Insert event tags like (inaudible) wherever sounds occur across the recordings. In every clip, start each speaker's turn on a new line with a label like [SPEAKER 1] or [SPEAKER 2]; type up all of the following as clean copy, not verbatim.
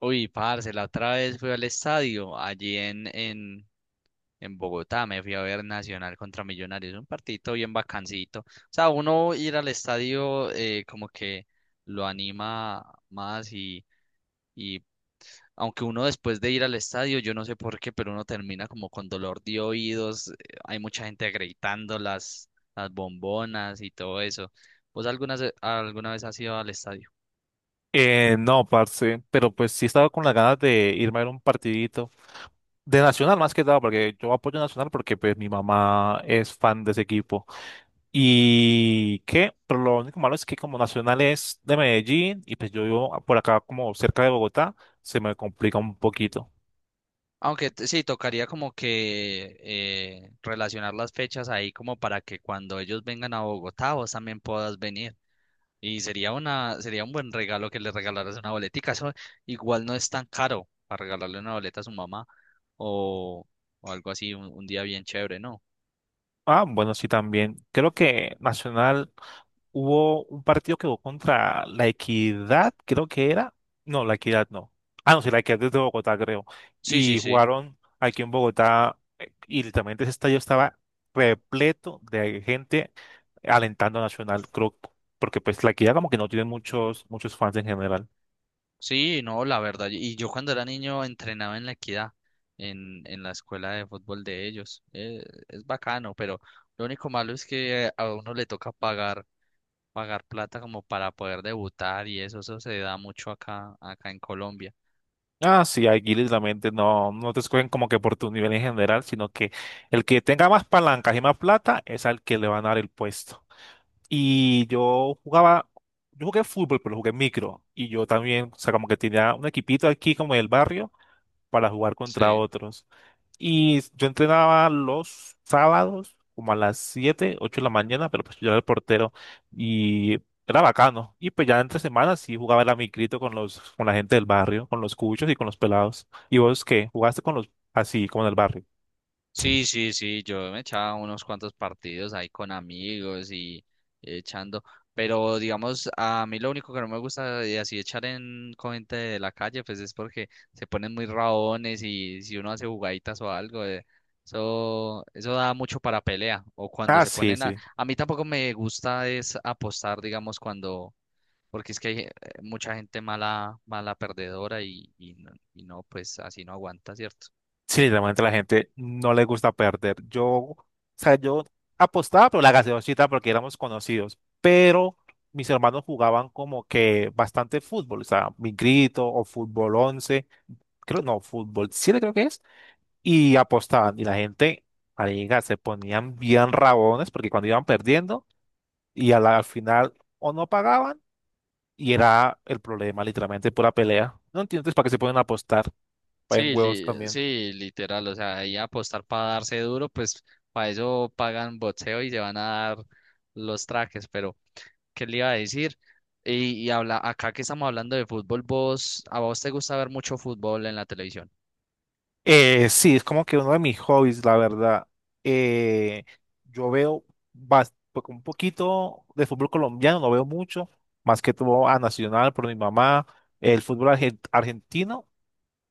[SPEAKER 1] Uy, parce, la otra vez fui al estadio, allí en Bogotá. Me fui a ver Nacional contra Millonarios, un partidito bien bacancito. O sea, uno ir al estadio como que lo anima más y aunque uno después de ir al estadio, yo no sé por qué, pero uno termina como con dolor de oídos, hay mucha gente gritando las bombonas y todo eso. ¿Vos alguna vez has ido al estadio?
[SPEAKER 2] No, parce, pero pues sí estaba con las ganas de irme a ver un partidito de Nacional más que nada, porque yo apoyo a Nacional porque pues mi mamá es fan de ese equipo. Y qué, pero lo único malo es que como Nacional es de Medellín y pues yo vivo por acá como cerca de Bogotá, se me complica un poquito.
[SPEAKER 1] Sí, tocaría como que relacionar las fechas ahí como para que cuando ellos vengan a Bogotá vos también puedas venir. Y sería un buen regalo que le regalaras una boletica. Eso igual no es tan caro para regalarle una boleta a su mamá o, o algo así, un día bien chévere, ¿no?
[SPEAKER 2] Ah, bueno, sí también. Creo que Nacional hubo un partido que jugó contra La Equidad, creo que era. No, La Equidad no. Ah, no, sí, La Equidad es de Bogotá, creo.
[SPEAKER 1] Sí, sí,
[SPEAKER 2] Y
[SPEAKER 1] sí.
[SPEAKER 2] jugaron aquí en Bogotá y literalmente ese estadio estaba repleto de gente alentando a Nacional, creo, porque pues La Equidad como que no tiene muchos fans en general.
[SPEAKER 1] Sí, no, la verdad. Y yo cuando era niño entrenaba en la Equidad, en la escuela de fútbol de ellos. Es bacano, pero lo único malo es que a uno le toca pagar plata como para poder debutar, y eso se da mucho acá en Colombia.
[SPEAKER 2] Ah, sí, aquí literalmente no, no te escogen como que por tu nivel en general, sino que el que tenga más palancas y más plata es al que le van a dar el puesto. Y yo jugaba, yo jugué fútbol, pero jugué micro. Y yo también, o sea, como que tenía un equipito aquí como del barrio para jugar contra
[SPEAKER 1] Sí.
[SPEAKER 2] otros. Y yo entrenaba los sábados como a las 7 8 de la mañana, pero pues yo era el portero y era bacano. Y pues ya entre semanas sí jugaba la micrito con la gente del barrio, con los cuchos y con los pelados. ¿Y vos qué? ¿Jugaste con los así, como en el barrio?
[SPEAKER 1] Sí, sí, sí, yo me echaba unos cuantos partidos ahí con amigos y echando, pero digamos, a mí lo único que no me gusta de así echar en con gente de la calle, pues es porque se ponen muy raones, y si uno hace jugaditas o algo, eso da mucho para pelea. O cuando
[SPEAKER 2] Ah,
[SPEAKER 1] se
[SPEAKER 2] sí,
[SPEAKER 1] ponen
[SPEAKER 2] sí.
[SPEAKER 1] a mí tampoco me gusta es apostar, digamos, cuando porque es que hay mucha gente mala, mala perdedora y no, pues así no aguanta, ¿cierto?
[SPEAKER 2] Sí, literalmente la gente no le gusta perder. Yo, o sea, yo apostaba por la gaseosita porque éramos conocidos, pero mis hermanos jugaban como que bastante fútbol, o sea, mi grito o fútbol 11, creo, no, fútbol 7 creo que es, y apostaban. Y la gente, marica, se ponían bien rabones porque cuando iban perdiendo y al final o no pagaban y era el problema, literalmente pura pelea. No entiendo entonces para qué se pueden apostar, vayan huevos también.
[SPEAKER 1] Sí, literal, o sea, ahí apostar para darse duro, pues para eso pagan boxeo y se van a dar los trajes. Pero ¿qué le iba a decir? Y habla, acá que estamos hablando de fútbol. Vos, ¿a vos te gusta ver mucho fútbol en la televisión?
[SPEAKER 2] Sí, es como que uno de mis hobbies, la verdad. Eh, yo veo pues, un poquito de fútbol colombiano, no veo mucho, más que todo a Nacional por mi mamá, el fútbol argentino,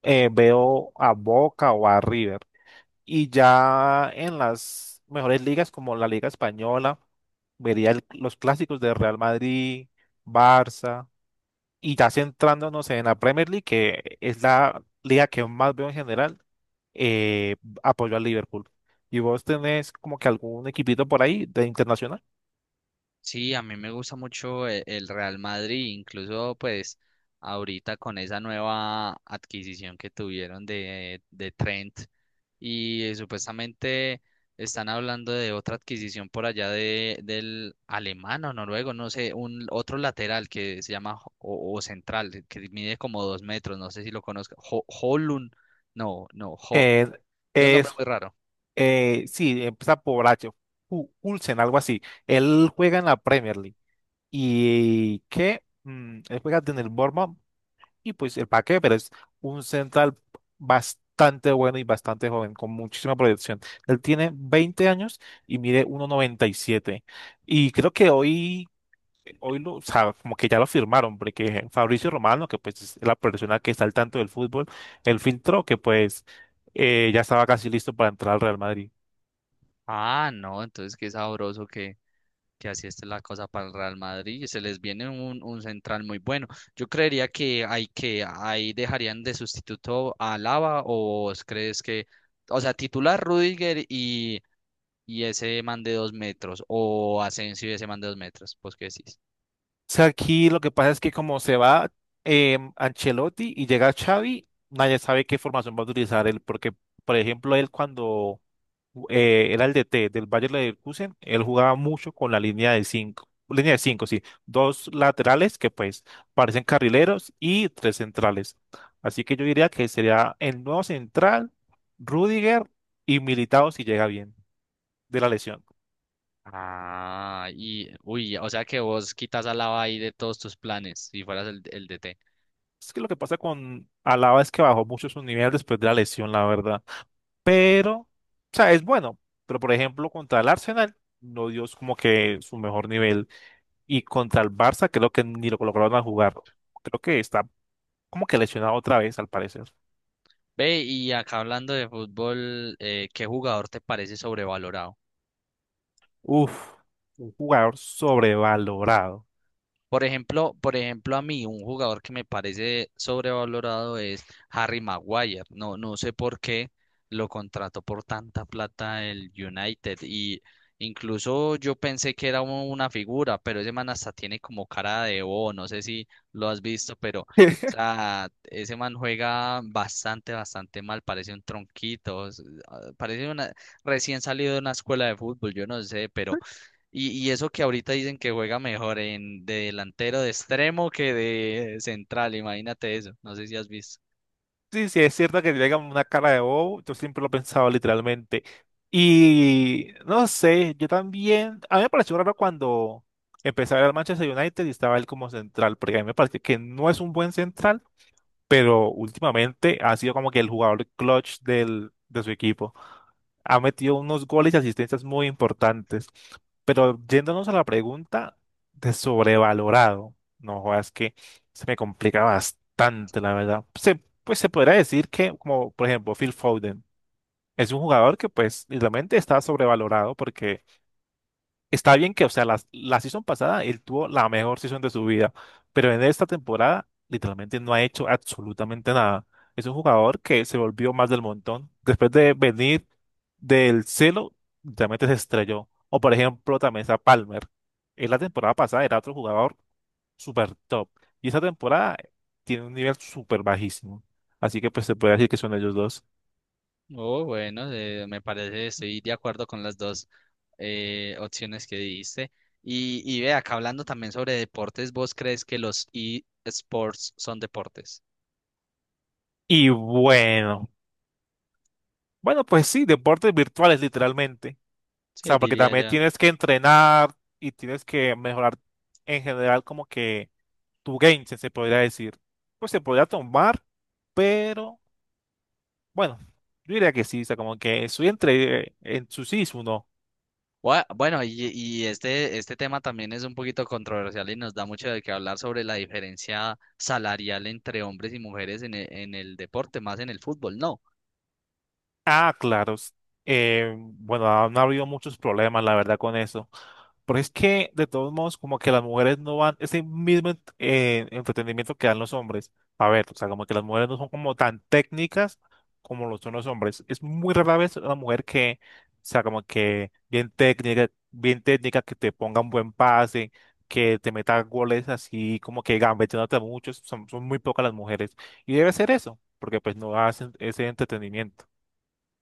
[SPEAKER 2] veo a Boca o a River. Y ya en las mejores ligas como la Liga Española, vería los clásicos de Real Madrid, Barça. Y ya centrándonos en la Premier League, que es la liga que más veo en general, eh, apoyo al Liverpool. ¿Y vos tenés como que algún equipito por ahí de internacional?
[SPEAKER 1] Sí, a mí me gusta mucho el Real Madrid, incluso pues ahorita con esa nueva adquisición que tuvieron de Trent y supuestamente están hablando de otra adquisición por allá de, del alemán o noruego, no sé, un otro lateral que se llama o central, que mide como dos metros, no sé si lo conozco, Højlund, no, no, Jo-
[SPEAKER 2] Eh,
[SPEAKER 1] tiene un nombre
[SPEAKER 2] es,
[SPEAKER 1] muy raro.
[SPEAKER 2] sí, empieza por H, Hulsen, algo así. Él juega en la Premier League. ¿Y qué? Él juega en el Bournemouth. Y pues el Paqué, pero es un central bastante bueno y bastante joven, con muchísima proyección. Él tiene 20 años y mide 1,97. Y siete. Y creo que hoy lo, o sea, como que ya lo firmaron, porque Fabricio Romano, que pues es la persona que está al tanto del fútbol, él filtró que pues ya estaba casi listo para entrar al Real Madrid.
[SPEAKER 1] Ah, no, entonces qué sabroso que así está la cosa para el Real Madrid y se les viene un central muy bueno. Yo creería que hay que ahí dejarían de sustituto a Alaba. O vos crees que, o sea, titular Rudiger y ese man de dos metros, o Asensio y ese man de dos metros, pues qué decís.
[SPEAKER 2] O sea, aquí lo que pasa es que como se va Ancelotti y llega Xavi, nadie sabe qué formación va a utilizar él, porque, por ejemplo, él cuando era el DT del Bayern Leverkusen, él jugaba mucho con la línea de cinco, sí, dos laterales que pues parecen carrileros y tres centrales. Así que yo diría que sería el nuevo central, Rudiger y Militao si llega bien de la lesión.
[SPEAKER 1] Ah, y uy, o sea que vos quitas a Alaba ahí de todos tus planes si fueras el DT.
[SPEAKER 2] Es que lo que pasa con Alaba es que bajó mucho su nivel después de la lesión, la verdad. Pero, o sea, es bueno. Pero, por ejemplo, contra el Arsenal no dio como que su mejor nivel. Y contra el Barça creo que ni lo colocaron a jugar. Creo que está como que lesionado otra vez, al parecer.
[SPEAKER 1] Ve, y acá hablando de fútbol, ¿qué jugador te parece sobrevalorado?
[SPEAKER 2] Uf, un jugador sobrevalorado.
[SPEAKER 1] Por ejemplo, a mí un jugador que me parece sobrevalorado es Harry Maguire. No, no sé por qué lo contrató por tanta plata el United. Y incluso yo pensé que era una figura, pero ese man hasta tiene como cara de bobo. No sé si lo has visto, pero o
[SPEAKER 2] (laughs)
[SPEAKER 1] sea, ese man juega bastante, bastante mal. Parece un tronquito. Ah, parece una, recién salido de una escuela de fútbol. Yo no sé, pero y eso que ahorita dicen que juega mejor en de delantero de extremo que de central. Imagínate eso, no sé si has visto.
[SPEAKER 2] Sí, sí, es cierto que tiene como una cara de bobo, yo siempre lo he pensado literalmente. Y no sé, yo también, a mí me pareció raro cuando empecé a ver al Manchester United y estaba él como central, porque a mí me parece que no es un buen central, pero últimamente ha sido como que el jugador clutch de su equipo. Ha metido unos goles y asistencias muy importantes. Pero yéndonos a la pregunta de sobrevalorado, no jodas que se me complica bastante, la verdad. Pues se podría decir que, como por ejemplo, Phil Foden es un jugador que pues literalmente está sobrevalorado porque está bien que, o sea, la season pasada él tuvo la mejor season de su vida, pero en esta temporada literalmente no ha hecho absolutamente nada. Es un jugador que se volvió más del montón. Después de venir del cielo, literalmente se estrelló. O por ejemplo, también está Palmer. En la temporada pasada era otro jugador super top. Y esta temporada tiene un nivel super bajísimo. Así que pues se puede decir que son ellos dos.
[SPEAKER 1] Oh, bueno, me parece, estoy de acuerdo con las dos opciones que diste. Y ve, acá hablando también sobre deportes, ¿vos crees que los eSports son deportes?
[SPEAKER 2] Y bueno, bueno, pues sí, deportes virtuales literalmente. O
[SPEAKER 1] Sí,
[SPEAKER 2] sea, porque
[SPEAKER 1] diría
[SPEAKER 2] también
[SPEAKER 1] ya.
[SPEAKER 2] tienes que entrenar y tienes que mejorar en general como que tu game, se podría decir. Pues se podría tomar, pero bueno, yo diría que sí, o sea, como que estoy entre en su sí.
[SPEAKER 1] Bueno, y este tema también es un poquito controversial y nos da mucho de qué hablar sobre la diferencia salarial entre hombres y mujeres en en el deporte, más en el fútbol, ¿no?
[SPEAKER 2] Ah, claro. Bueno, han habido muchos problemas, la verdad, con eso. Pero es que, de todos modos, como que las mujeres no van, ese mismo entretenimiento que dan los hombres. A ver, o sea, como que las mujeres no son como tan técnicas como lo son los hombres. Es muy rara vez una mujer que, o sea, como que bien técnica, que te ponga un buen pase, que te meta goles así, como que gambeteándote mucho. Son muy pocas las mujeres. Y debe ser eso, porque pues no hacen ese entretenimiento.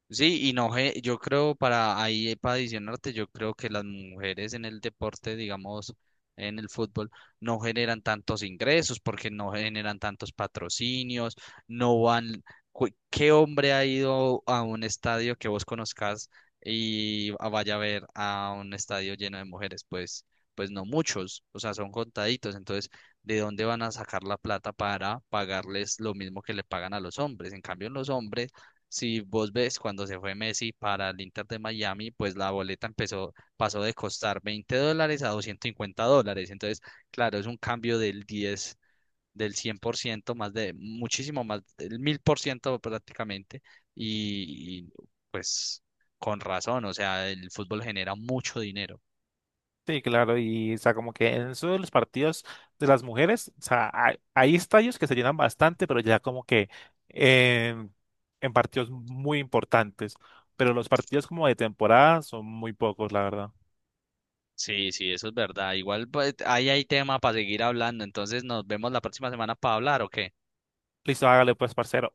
[SPEAKER 1] Sí, y no, ge- yo creo para ahí, para adicionarte, yo creo que las mujeres en el deporte, digamos, en el fútbol, no generan tantos ingresos porque no generan tantos patrocinios, no van, cu- ¿qué hombre ha ido a un estadio que vos conozcas y a- vaya a ver a un estadio lleno de mujeres? Pues, pues no muchos, o sea, son contaditos. Entonces, ¿de dónde van a sacar la plata para pagarles lo mismo que le pagan a los hombres? En cambio, en los hombres, si vos ves, cuando se fue Messi para el Inter de Miami, pues la boleta empezó, pasó de costar $20 a $250. Entonces, claro, es un cambio del 100%, más de, muchísimo más, del 1000% prácticamente. Y, pues con razón, o sea, el fútbol genera mucho dinero.
[SPEAKER 2] Sí, claro, y o sea, como que en eso de los partidos de las mujeres, o sea, hay estadios que se llenan bastante, pero ya como que en en partidos muy importantes, pero los partidos como de temporada son muy pocos, la verdad.
[SPEAKER 1] Sí, sí, eso es verdad. Igual pues, ahí hay tema para seguir hablando. Entonces, nos vemos la próxima semana para hablar, ¿ok?
[SPEAKER 2] Listo, hágale pues, parcero.